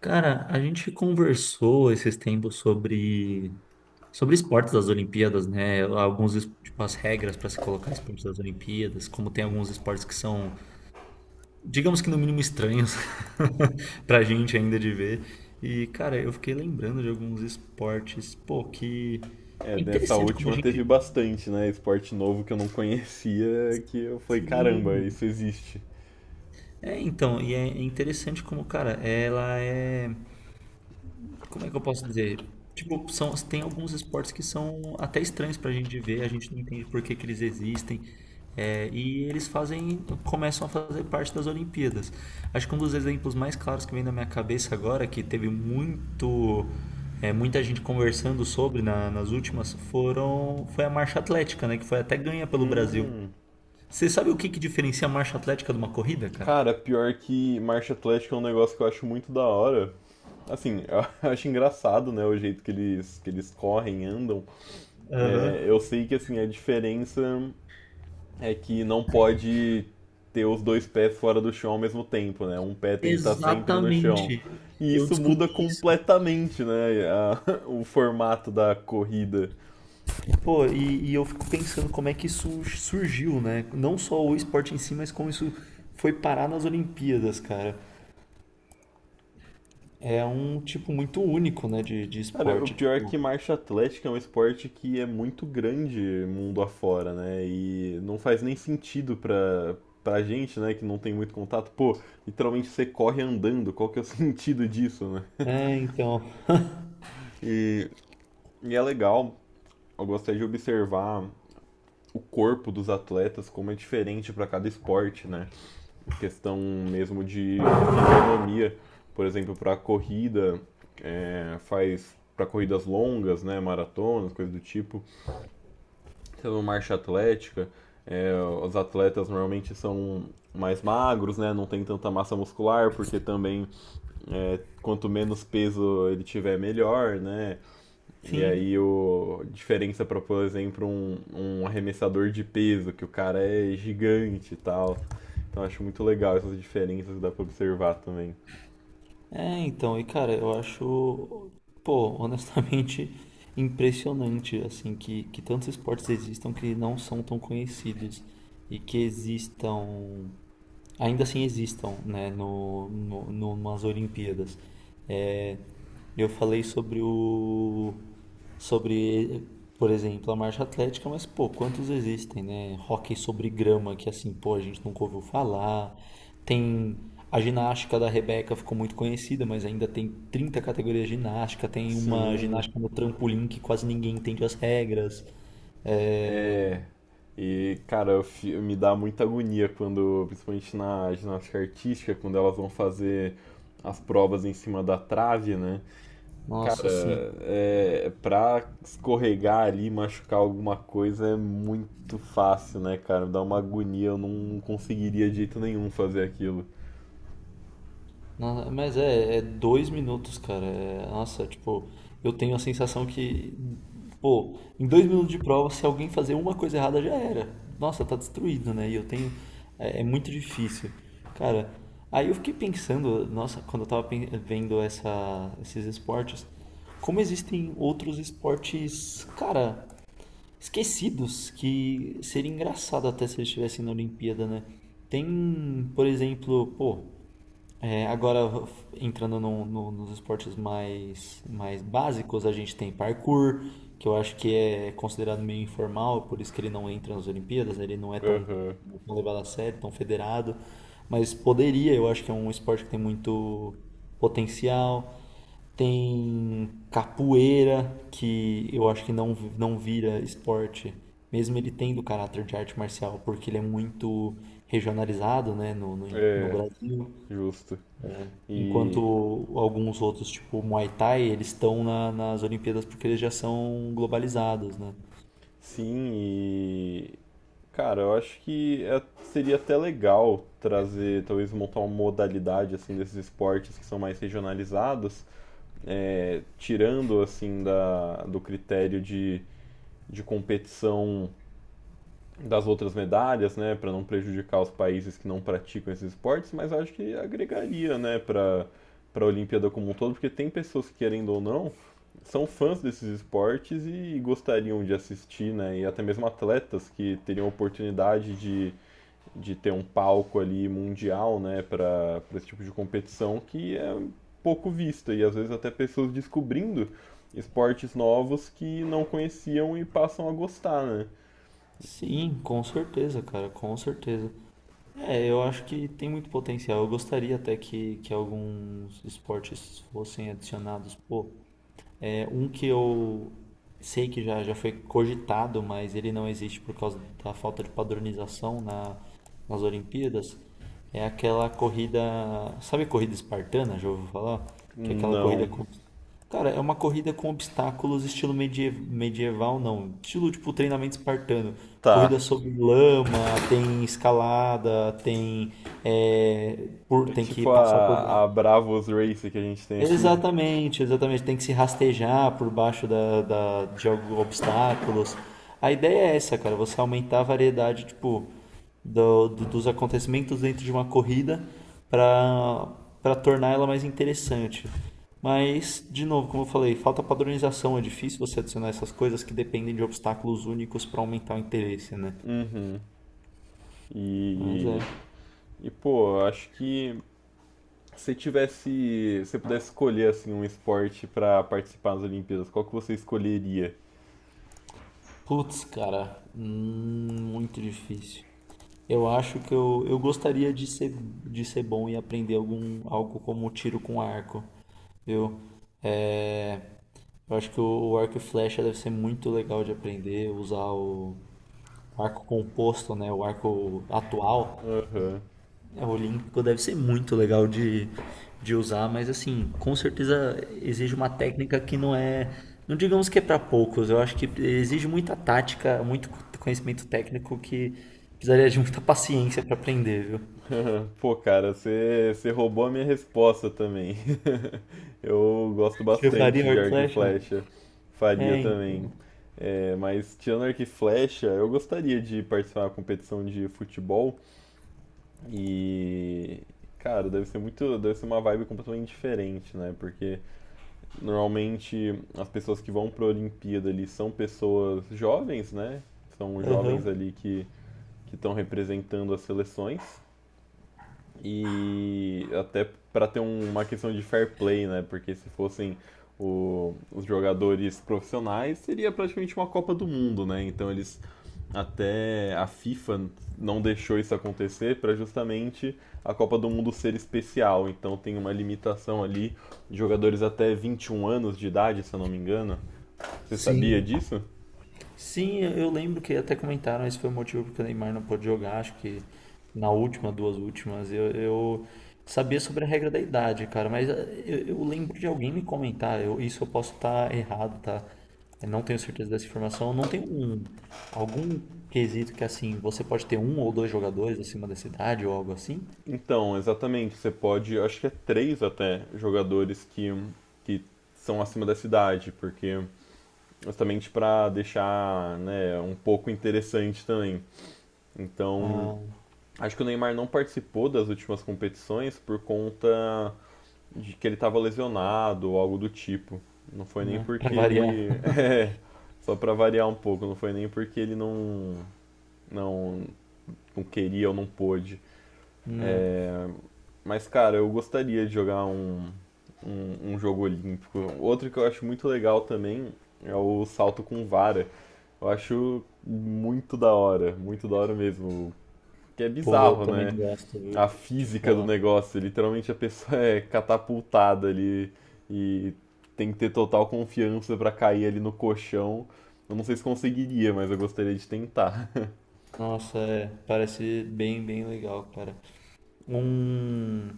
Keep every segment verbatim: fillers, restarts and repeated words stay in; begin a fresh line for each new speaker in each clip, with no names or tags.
Cara, a gente conversou esses tempos sobre, sobre esportes das Olimpíadas, né? Alguns, es- tipo, as regras para se colocar esportes das Olimpíadas, como tem alguns esportes que são, digamos que no mínimo estranhos pra gente ainda de ver. E, cara, eu fiquei lembrando de alguns esportes, pô, que
É,
é
dessa
interessante como a
última teve
gente.
bastante, né? Esporte novo que eu não conhecia, que eu falei, caramba,
Sim.
isso existe.
É, então, e é interessante como, cara, ela é. Como é que eu posso dizer? Tipo, são, tem alguns esportes que são até estranhos pra gente ver, a gente não entende por que que eles existem. É, e eles fazem, começam a fazer parte das Olimpíadas. Acho que um dos exemplos mais claros que vem na minha cabeça agora, que teve muito, é, muita gente conversando sobre na- nas últimas, foram, foi a marcha atlética, né? Que foi até ganha pelo Brasil. Você sabe o que que diferencia a marcha atlética de uma corrida, cara?
Cara, pior que marcha atlética é um negócio que eu acho muito da hora. Assim, eu acho engraçado, né, o jeito que eles, que eles correm, andam. É,
Aham.
eu sei que, assim, a diferença é que não pode ter os dois pés fora do chão ao mesmo tempo, né? Um pé tem que estar sempre no chão.
Exatamente.
E
Eu
isso muda
descobri isso.
completamente, né, a- o formato da corrida.
Pô, e, e eu fico pensando como é que isso surgiu, né? Não só o esporte em si, mas como isso foi parar nas Olimpíadas, cara. É um tipo muito único, né, de, de
Cara, o
esporte,
pior é
tipo.
que marcha atlética é um esporte que é muito grande mundo afora, né? E não faz nem sentido pra, pra gente, né, que não tem muito contato. Pô, literalmente você corre andando, qual que é o sentido disso, né?
É, então.
E, e é legal, eu gostaria de observar o corpo dos atletas, como é diferente para cada esporte, né? Questão mesmo de, de fisionomia, por exemplo, para corrida, é, faz para corridas longas, né, maratonas, coisa do tipo. Então, marcha atlética, é, os atletas normalmente são mais magros, né? Não tem tanta massa muscular, porque também, é, quanto menos peso ele tiver, melhor, né? E
Sim.
aí o a diferença para, por exemplo, um, um arremessador de peso, que o cara é gigante e tal. Então acho muito legal essas diferenças que dá para observar também.
É, então, e cara, eu acho, pô, honestamente impressionante assim que que tantos esportes existam que não são tão conhecidos e que existam ainda assim existam, né, no, no, numas Olimpíadas. É, eu falei sobre o, sobre, por exemplo, a marcha atlética, mas pô, quantos existem, né? Hóquei sobre grama, que assim, pô, a gente nunca ouviu falar. Tem a ginástica da Rebeca ficou muito conhecida, mas ainda tem trinta categorias de ginástica. Tem uma
Sim,
ginástica no trampolim que quase ninguém entende as regras. É,
é. E, cara, eu fi- me dá muita agonia quando, principalmente na ginástica artística, quando elas vão fazer as provas em cima da trave, né?
nossa, assim,
Cara, é, pra escorregar ali, machucar alguma coisa é muito fácil, né, cara? Me dá uma agonia, eu não, não conseguiria de jeito nenhum fazer aquilo.
nossa, mas é, é dois minutos, cara. É, nossa, tipo, eu tenho a sensação que, pô, em dois minutos de prova, se alguém fazer uma coisa errada, já era. Nossa, tá destruído, né? E eu tenho. É, é muito difícil. Cara, aí eu fiquei pensando, nossa, quando eu tava pen- vendo essa, esses esportes, como existem outros esportes, cara, esquecidos, que seria engraçado até se eles estivessem na Olimpíada, né? Tem, por exemplo, pô. É, agora, entrando no- no- nos esportes mais, mais básicos, a gente tem parkour, que eu acho que é considerado meio informal, por isso que ele não entra nas Olimpíadas, ele não é tão,
Aham,
tão levado a sério, tão federado, mas poderia, eu acho que é um esporte que tem muito potencial. Tem capoeira, que eu acho que não, não vira esporte, mesmo ele tendo caráter de arte marcial, porque ele é muito regionalizado, né, no, no no
é,
Brasil.
justo. E,
Enquanto alguns outros, tipo o Muay Thai, eles estão na- nas Olimpíadas porque eles já são globalizados, né?
sim, e cara, eu acho que é- seria até legal trazer, talvez montar uma modalidade assim desses esportes que são mais regionalizados, é, tirando assim da, do critério de, de competição das outras medalhas, né, para não prejudicar os países que não praticam esses esportes, mas eu acho que agregaria, né, para para a Olimpíada como um todo, porque tem pessoas que querendo ou não são fãs desses esportes e gostariam de assistir, né, e até mesmo atletas que teriam a oportunidade de de ter um palco ali mundial, né, para esse tipo de competição que é pouco vista e às vezes até pessoas descobrindo esportes novos que não conheciam e passam a gostar, né?
Sim, com certeza, cara, com certeza. É, eu acho que tem muito potencial. Eu gostaria até que, que alguns esportes fossem adicionados. Pô, é, um que eu sei que já, já foi cogitado, mas ele não existe por causa da falta de padronização na, nas Olimpíadas, é aquela corrida. Sabe corrida espartana, já ouviu falar? Que é aquela corrida
Não,
com. Cara, é uma corrida com obstáculos, estilo medie- medieval, não. Estilo tipo treinamento espartano.
tá.
Corrida sobre lama, tem escalada, tem. É, por,
É
tem que
tipo
passar por.
a, a Bravos Race que a gente tem aqui.
Exatamente, exatamente. Tem que se rastejar por baixo da, da- de alguns obstáculos. A ideia é essa, cara, você aumentar a variedade, tipo, do- do- dos acontecimentos dentro de uma corrida para para tornar ela mais interessante. Mas, de novo, como eu falei, falta padronização. É difícil você adicionar essas coisas que dependem de obstáculos únicos para aumentar o interesse, né?
Uhum.
Mas
E,
é.
e pô, acho que se tivesse, se pudesse escolher assim um esporte para participar das Olimpíadas, qual que você escolheria?
Putz, cara, hum, muito difícil. Eu acho que eu, eu gostaria de ser, de ser bom e aprender algum, algo como tiro com arco, viu? É, eu acho que o, o arco e flecha deve ser muito legal de aprender, usar o arco composto, né? O arco atual,
Aham.
né, o olímpico, deve ser muito legal de, de usar, mas assim, com certeza exige uma técnica que não é. Não digamos que é para poucos, eu acho que exige muita tática, muito conhecimento técnico que precisaria de muita paciência para aprender, viu?
Pô, cara, você você roubou a minha resposta também. Eu gosto
Você faria
bastante de
hard
arco e
Horcrux?
flecha. Faria
É,
também.
então.
É, mas tirando arco e flecha, eu gostaria de participar de uma competição de futebol. E, cara, deve ser muito, deve ser uma vibe completamente diferente, né? Porque normalmente as pessoas que vão para a Olimpíada ali são pessoas jovens, né? São
Aham.
jovens ali que que estão representando as seleções. E até para ter um- uma questão de fair play, né? Porque se fossem o- os jogadores profissionais, seria praticamente uma Copa do Mundo, né? Então eles, até a FIFA não deixou isso acontecer para justamente a Copa do Mundo ser especial. Então tem uma limitação ali de jogadores até vinte e um anos de idade, se eu não me engano. Você sabia
Sim.
disso?
Sim, eu eu lembro que até comentaram, esse foi o motivo porque o Neymar não pôde jogar, acho que na última, duas últimas, eu, eu sabia sobre a regra da idade, cara, mas eh, eu, eu lembro de alguém me comentar, eu- isso eu posso estar errado, tá? Eu não tenho certeza dessa informação, não tem um, algum quesito que assim, você pode ter um ou dois jogadores acima dessa idade ou algo assim?
Então, exatamente, você pode, acho que é três até jogadores que que são acima da idade porque justamente para deixar, né, um pouco interessante também. Então,
Ah,
acho que o Neymar não participou das últimas competições por conta de que ele estava lesionado ou algo do tipo. Não foi nem
né, pra
porque
variar,
ele. É, só para variar um pouco, não foi nem porque ele não, não, não queria ou não pôde.
né?
É, mas, cara, eu gostaria de jogar um, um, um jogo olímpico. Outro que eu acho muito legal também é o salto com vara. Eu acho muito da hora, muito da hora mesmo. Que é
Pô, eu
bizarro,
também
né?
gosto,
A
viu? Te
física do
falar.
negócio. Literalmente a pessoa é catapultada ali e tem que ter total confiança pra cair ali no colchão. Eu não sei se conseguiria, mas eu gostaria de tentar.
Nossa, é, parece bem, bem legal, cara. Um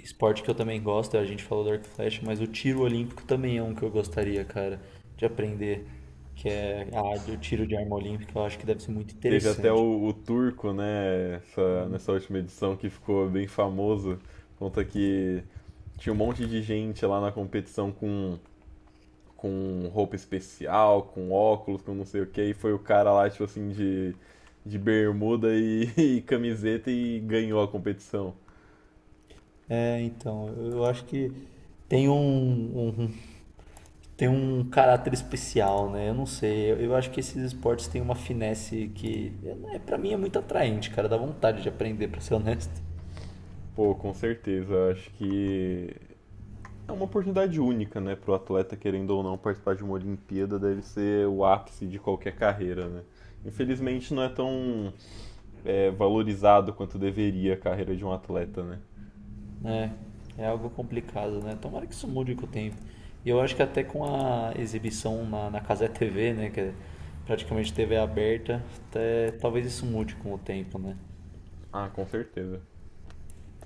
esporte que eu também gosto, a gente falou do arco e flecha, mas o tiro olímpico também é um que eu gostaria, cara, de aprender, que é a, o tiro de arma olímpica, eu acho que deve ser muito
Teve até
interessante.
o, o Turco, né, essa- nessa última edição que ficou bem famoso, conta que tinha um monte de gente lá na competição com, com roupa especial, com óculos, com não sei o que, e foi o cara lá, tipo assim, de, de bermuda e, e camiseta e ganhou a competição.
É, então, eu acho que tem um, um- um, tem um caráter especial, né? Eu não sei, eu, eu acho que esses esportes têm uma finesse que, é, para mim, é muito atraente, cara, dá vontade de aprender, pra ser honesto.
Pô, com certeza, eu acho que é uma oportunidade única, né, pro atleta, querendo ou não, participar de uma Olimpíada deve ser o ápice de qualquer carreira, né. Infelizmente não é tão, é, valorizado quanto deveria a carreira de um atleta, né?
É, é algo complicado, né? Tomara que isso mude com o tempo. E eu acho que até com a exibição na, na Cazé T V, né? Que é praticamente T V aberta, até, talvez isso mude com o tempo, né?
Ah, com certeza.